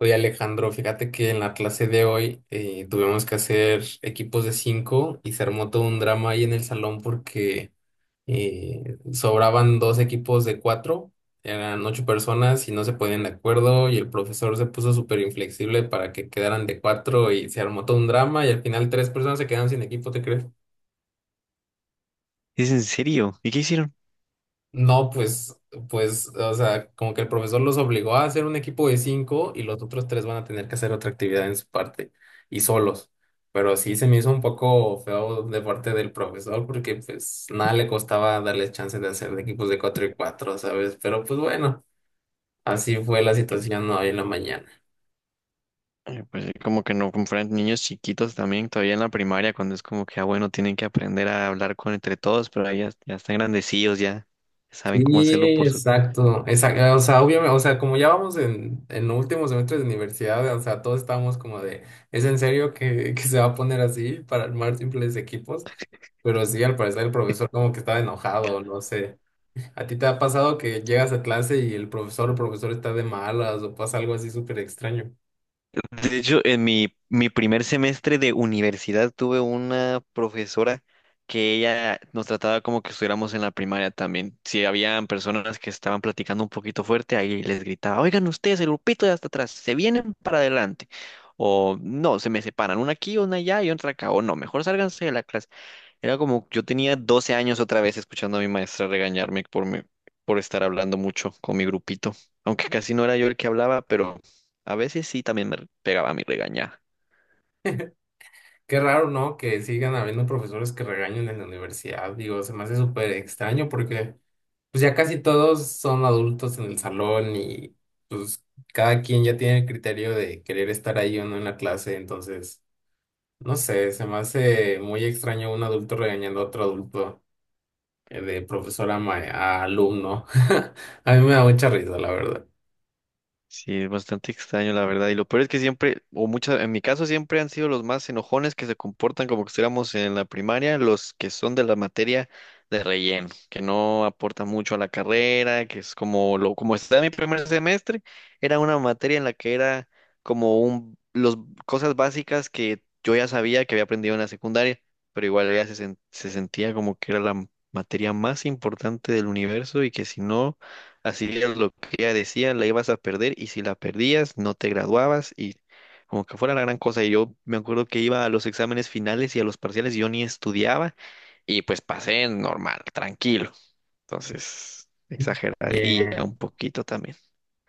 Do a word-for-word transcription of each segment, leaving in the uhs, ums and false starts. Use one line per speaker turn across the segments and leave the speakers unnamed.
Oye Alejandro, fíjate que en la clase de hoy eh, tuvimos que hacer equipos de cinco y se armó todo un drama ahí en el salón porque eh, sobraban dos equipos de cuatro, eran ocho personas y no se ponían de acuerdo y el profesor se puso súper inflexible para que quedaran de cuatro y se armó todo un drama y al final tres personas se quedaron sin equipo, ¿te crees?
¿Es en serio? ¿Y qué hicieron?
No, pues, pues, o sea, como que el profesor los obligó a hacer un equipo de cinco y los otros tres van a tener que hacer otra actividad en su parte y solos. Pero sí se me hizo un poco feo de parte del profesor porque pues nada le costaba darles chance de hacer de equipos de cuatro y cuatro, ¿sabes? Pero pues bueno, así fue la situación hoy en la mañana.
eh, Pues eh, como que no compran niños chiquitos también, todavía en la primaria, cuando es como que, ah, bueno, tienen que aprender a hablar con entre todos, pero ahí ya, ya están grandecillos, ya saben cómo hacerlo
Sí,
por su.
exacto, exacto, o sea, obviamente, o sea, como ya vamos en, en, los últimos semestres de universidad, o sea, todos estábamos como de, ¿es en serio que, que se va a poner así para armar simples equipos? Pero sí, al parecer el profesor como que estaba enojado, no sé. ¿A ti te ha pasado que llegas a clase y el profesor o profesor está de malas o pasa algo así súper extraño?
De hecho, en mi, mi primer semestre de universidad tuve una profesora que ella nos trataba como que estuviéramos en la primaria también. Si habían personas que estaban platicando un poquito fuerte, ahí les gritaba, oigan ustedes, el grupito de hasta atrás, se vienen para adelante. O no, se me separan, una aquí, una allá y otra acá. O no, mejor sálganse de la clase. Era como, yo tenía doce años otra vez escuchando a mi maestra regañarme por, me- por estar hablando mucho con mi grupito. Aunque casi no era yo el que hablaba, pero a veces sí también me pegaba mi regañada.
Qué raro, ¿no? Que sigan habiendo profesores que regañen en la universidad, digo, se me hace súper extraño porque pues ya casi todos son adultos en el salón y pues cada quien ya tiene el criterio de querer estar ahí o no en la clase, entonces, no sé, se me hace muy extraño un adulto regañando a otro adulto eh, de profesor a, ma- a alumno. A mí me da mucha risa, la verdad.
Sí, es bastante extraño, la verdad. Y lo peor es que siempre, o muchas, en mi caso siempre han sido los más enojones que se comportan como que estuviéramos en la primaria, los que son de la materia de relleno, que no aportan mucho a la carrera, que es como lo, como está en mi primer semestre, era una materia en la que era como un, los, cosas básicas que yo ya sabía que había aprendido en la secundaria, pero igual ya se, sen- se sentía como que era la materia más importante del universo y que si no. Así es lo que ya decían, la ibas a perder y si la perdías no te graduabas y como que fuera la gran cosa. Y yo me acuerdo que iba a los exámenes finales y a los parciales y yo ni estudiaba y pues pasé normal, tranquilo. Entonces, exageraría un poquito también.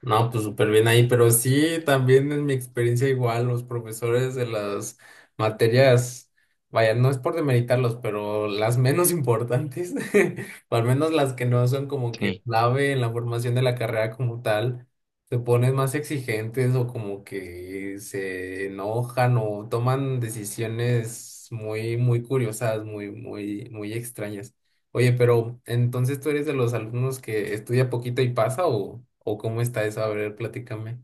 No, pues súper bien ahí, pero sí, también en mi experiencia igual, los profesores de las materias, vaya, no es por demeritarlos, pero las menos importantes, o al menos las que no son como que
Sí.
clave en la formación de la carrera como tal, se ponen más exigentes o como que se enojan o toman decisiones muy, muy curiosas, muy, muy, muy extrañas. Oye, pero entonces tú eres de los alumnos que estudia poquito y pasa o, o ¿cómo está eso? A ver, platícame.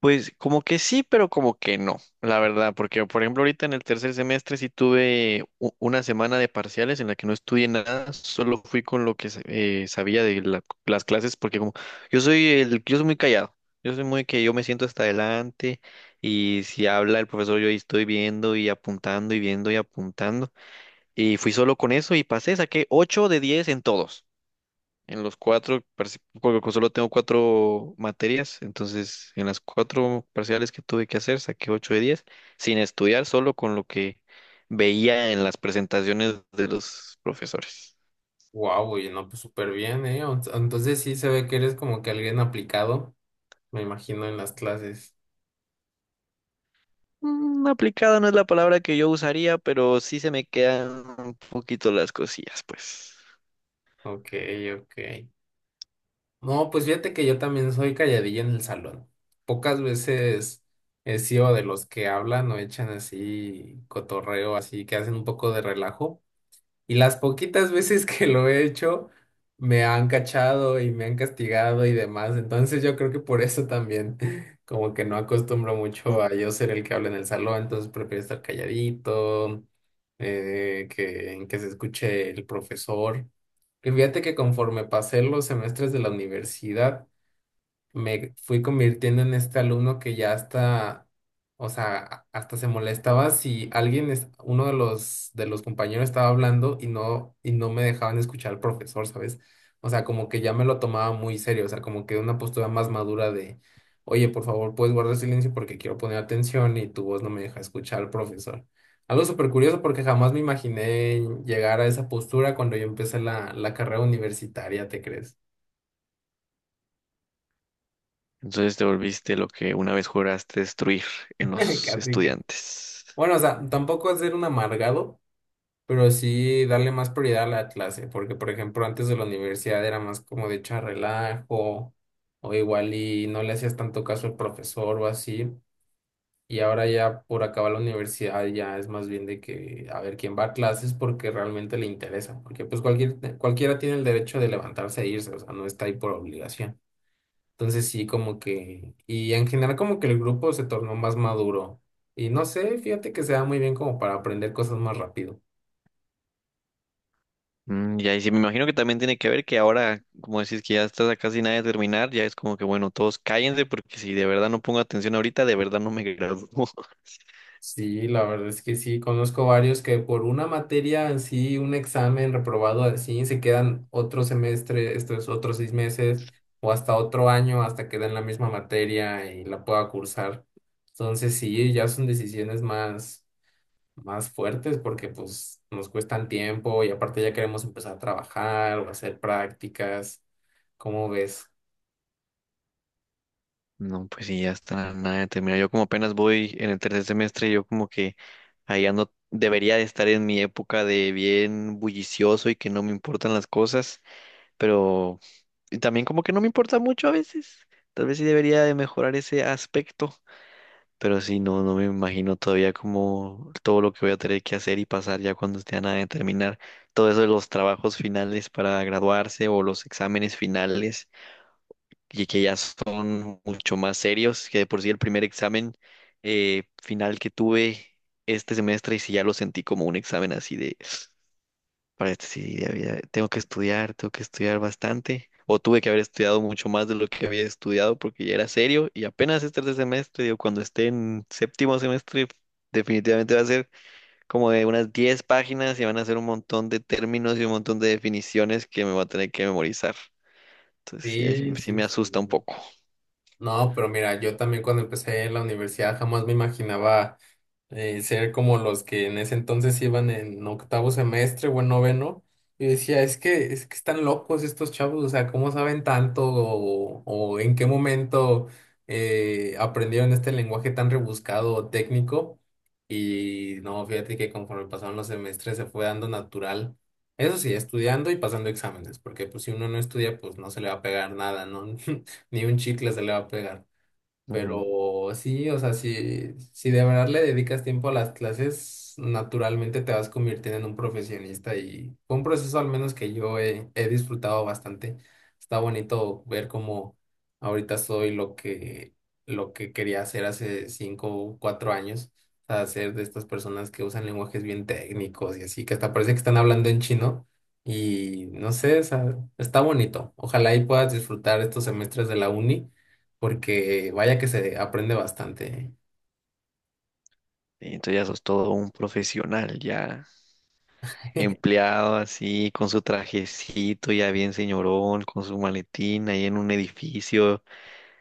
Pues como que sí, pero como que no, la verdad, porque por ejemplo ahorita en el tercer semestre sí tuve u- una semana de parciales en la que no estudié nada, solo fui con lo que sa- eh, sabía de la- las clases, porque como yo soy el, yo soy muy callado, yo soy muy que yo me siento hasta adelante y si habla el profesor yo ahí estoy viendo y apuntando y viendo y apuntando y fui solo con eso y pasé, saqué ocho de diez en todos. En los cuatro, parci- porque solo tengo cuatro materias, entonces en las cuatro parciales que tuve que hacer saqué ocho de diez sin estudiar, solo con lo que veía en las presentaciones de los profesores.
Wow, oye, no, pues súper bien, ¿eh? O- Entonces sí se ve que eres como que alguien aplicado, me imagino, en las clases.
Mm, aplicada no es la palabra que yo usaría, pero sí se me quedan un poquito las cosillas, pues.
Ok, ok. No, pues fíjate que yo también soy calladilla en el salón. Pocas veces he sido de los que hablan o echan así cotorreo, así que hacen un poco de relajo. Y las poquitas veces que lo he hecho, me han cachado y me han castigado y demás. Entonces yo creo que por eso también, como que no acostumbro
Mm.
mucho a yo ser el que habla en el salón, entonces prefiero estar calladito, eh, que, que se escuche el profesor. Y fíjate que conforme pasé los semestres de la universidad, me fui convirtiendo en este alumno que ya hasta, o sea, hasta se molestaba si alguien, es, uno de los, de los compañeros estaba hablando y no, y no me dejaban escuchar al profesor, ¿sabes? O sea, como que ya me lo tomaba muy serio, o sea, como que una postura más madura de, oye, por favor, puedes guardar silencio porque quiero poner atención y tu voz no me deja escuchar al profesor. Algo súper curioso porque jamás me imaginé llegar a esa postura cuando yo empecé la, la carrera universitaria, ¿te crees?
Entonces te volviste lo que una vez juraste destruir en los
Casi, casi.
estudiantes.
Bueno, o sea, tampoco es ser un amargado, pero sí darle más prioridad a la clase, porque por ejemplo antes de la universidad era más como de echar relajo, o igual y no le hacías tanto caso al profesor o así, y ahora ya por acabar la universidad ya es más bien de que a ver quién va a clases porque realmente le interesa, porque pues cualquier, cualquiera tiene el derecho de levantarse e irse, o sea, no está ahí por obligación. Entonces sí, como que, y en general como que el grupo se tornó más maduro. Y no sé, fíjate que se da muy bien como para aprender cosas más rápido.
Mm, ya, y ahí sí, me imagino que también tiene que ver que ahora, como decís, que ya estás a casi nada de terminar, ya es como que, bueno, todos cállense porque si de verdad no pongo atención ahorita, de verdad no me gradúo.
Sí, la verdad es que sí, conozco varios que por una materia en sí, un examen reprobado así, se quedan otro semestre, estos otros seis meses o hasta otro año hasta que den la misma materia y la pueda cursar. Entonces sí, ya son decisiones más más fuertes porque pues nos cuestan tiempo y aparte ya queremos empezar a trabajar o hacer prácticas. ¿Cómo ves?
No, pues sí, ya está nada de terminar. Yo como apenas voy en el tercer semestre, yo como que ahí ando, debería de estar en mi época de bien bullicioso y que no me importan las cosas, pero y también como que no me importa mucho a veces. Tal vez sí debería de mejorar ese aspecto. Pero sí, no, no me imagino todavía como todo lo que voy a tener que hacer y pasar ya cuando esté a nada de terminar. Todo eso de los trabajos finales para graduarse o los exámenes finales, que, que ya son mucho más serios, que de por sí el primer examen eh, final que tuve este semestre, y sí ya lo sentí como un examen así de para esto sí, ya había- tengo que estudiar, tengo que estudiar bastante. O tuve que haber estudiado mucho más de lo que había estudiado porque ya era serio. Y apenas este tercer semestre, digo, cuando esté en séptimo semestre, definitivamente va a ser como de unas diez páginas y van a ser un montón de términos y un montón de definiciones que me voy a tener que memorizar. Entonces, sí, ahí sí me
Sí,
sí
sí,
me asusta un
sí.
poco.
No, pero mira, yo también cuando empecé en la universidad jamás me imaginaba eh, ser como los que en ese entonces iban en octavo semestre o en noveno, y decía, es que, es que están locos estos chavos, o sea, ¿cómo saben tanto o, o en qué momento eh, aprendieron este lenguaje tan rebuscado o técnico? Y no, fíjate que conforme pasaron los semestres se fue dando natural. Eso sí, estudiando y pasando exámenes, porque pues si uno no estudia, pues no se le va a pegar nada, ¿no? Ni un chicle se le va a pegar.
Ujú.
Pero sí, o sea, si, si, de verdad le dedicas tiempo a las clases, naturalmente te vas convirtiendo en un profesionista y fue un proceso al menos que yo he, he disfrutado bastante. Está bonito ver cómo ahorita soy lo que, lo que quería hacer hace cinco o cuatro años, o sea, ser de estas personas que usan lenguajes bien técnicos y así, que hasta parece que están hablando en chino y no sé, o sea, está bonito. Ojalá y puedas disfrutar estos semestres de la uni porque vaya que se aprende bastante.
Y entonces ya sos todo un profesional, ya
¿Eh?
empleado así, con su trajecito, ya bien señorón, con su maletín ahí en un edificio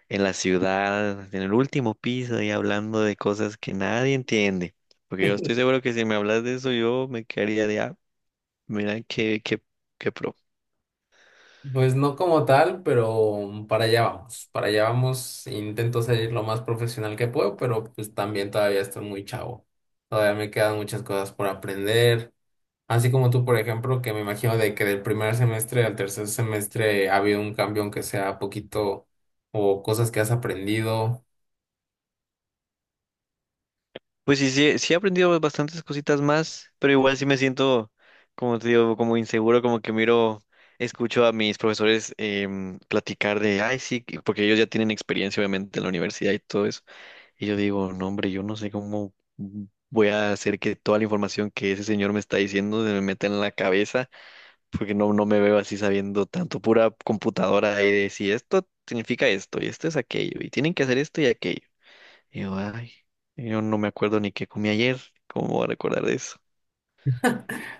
en la ciudad, en el último piso y hablando de cosas que nadie entiende. Porque yo estoy seguro que si me hablas de eso, yo me quedaría de, ah, mira qué, qué, qué pro.
Pues no como tal, pero para allá vamos, para allá vamos. Intento ser lo más profesional que puedo, pero pues también todavía estoy muy chavo. Todavía me quedan muchas cosas por aprender. Así como tú, por ejemplo, que me imagino de que del primer semestre al tercer semestre ha habido un cambio, aunque sea poquito, o cosas que has aprendido.
Pues sí, sí, sí he aprendido bastantes cositas más, pero igual sí me siento, como te digo, como inseguro, como que miro, escucho a mis profesores em, platicar de, ay, sí, que-", porque ellos ya tienen experiencia, obviamente, en la universidad y todo eso. Y yo digo, no, hombre, yo no sé cómo voy a hacer que toda la información que ese señor me está diciendo se me meta en la cabeza porque no, no me veo así sabiendo tanto pura computadora ahí de si esto significa esto y esto es aquello y tienen que hacer esto y aquello. Y yo, ay, yo no me acuerdo ni qué comí ayer, ¿cómo voy a recordar de eso?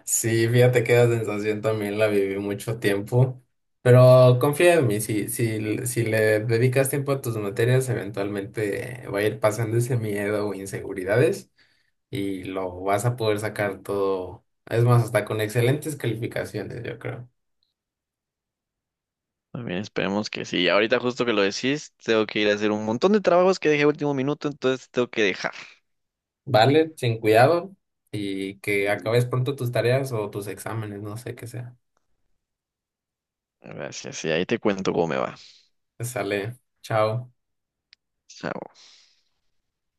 Sí, fíjate que esa sensación también la viví mucho tiempo, pero confía en mí, si, si, si le dedicas tiempo a tus materias, eventualmente va a ir pasando ese miedo o inseguridades y lo vas a poder sacar todo, es más, hasta con excelentes calificaciones, yo creo.
También esperemos que sí. Ahorita justo que lo decís, tengo que ir a hacer un montón de trabajos que dejé a último minuto, entonces tengo que dejar.
Vale, sin cuidado y que acabes pronto tus tareas o tus exámenes, no sé qué sea.
Gracias, y ahí te cuento cómo me va.
Sale, chao.
Chao.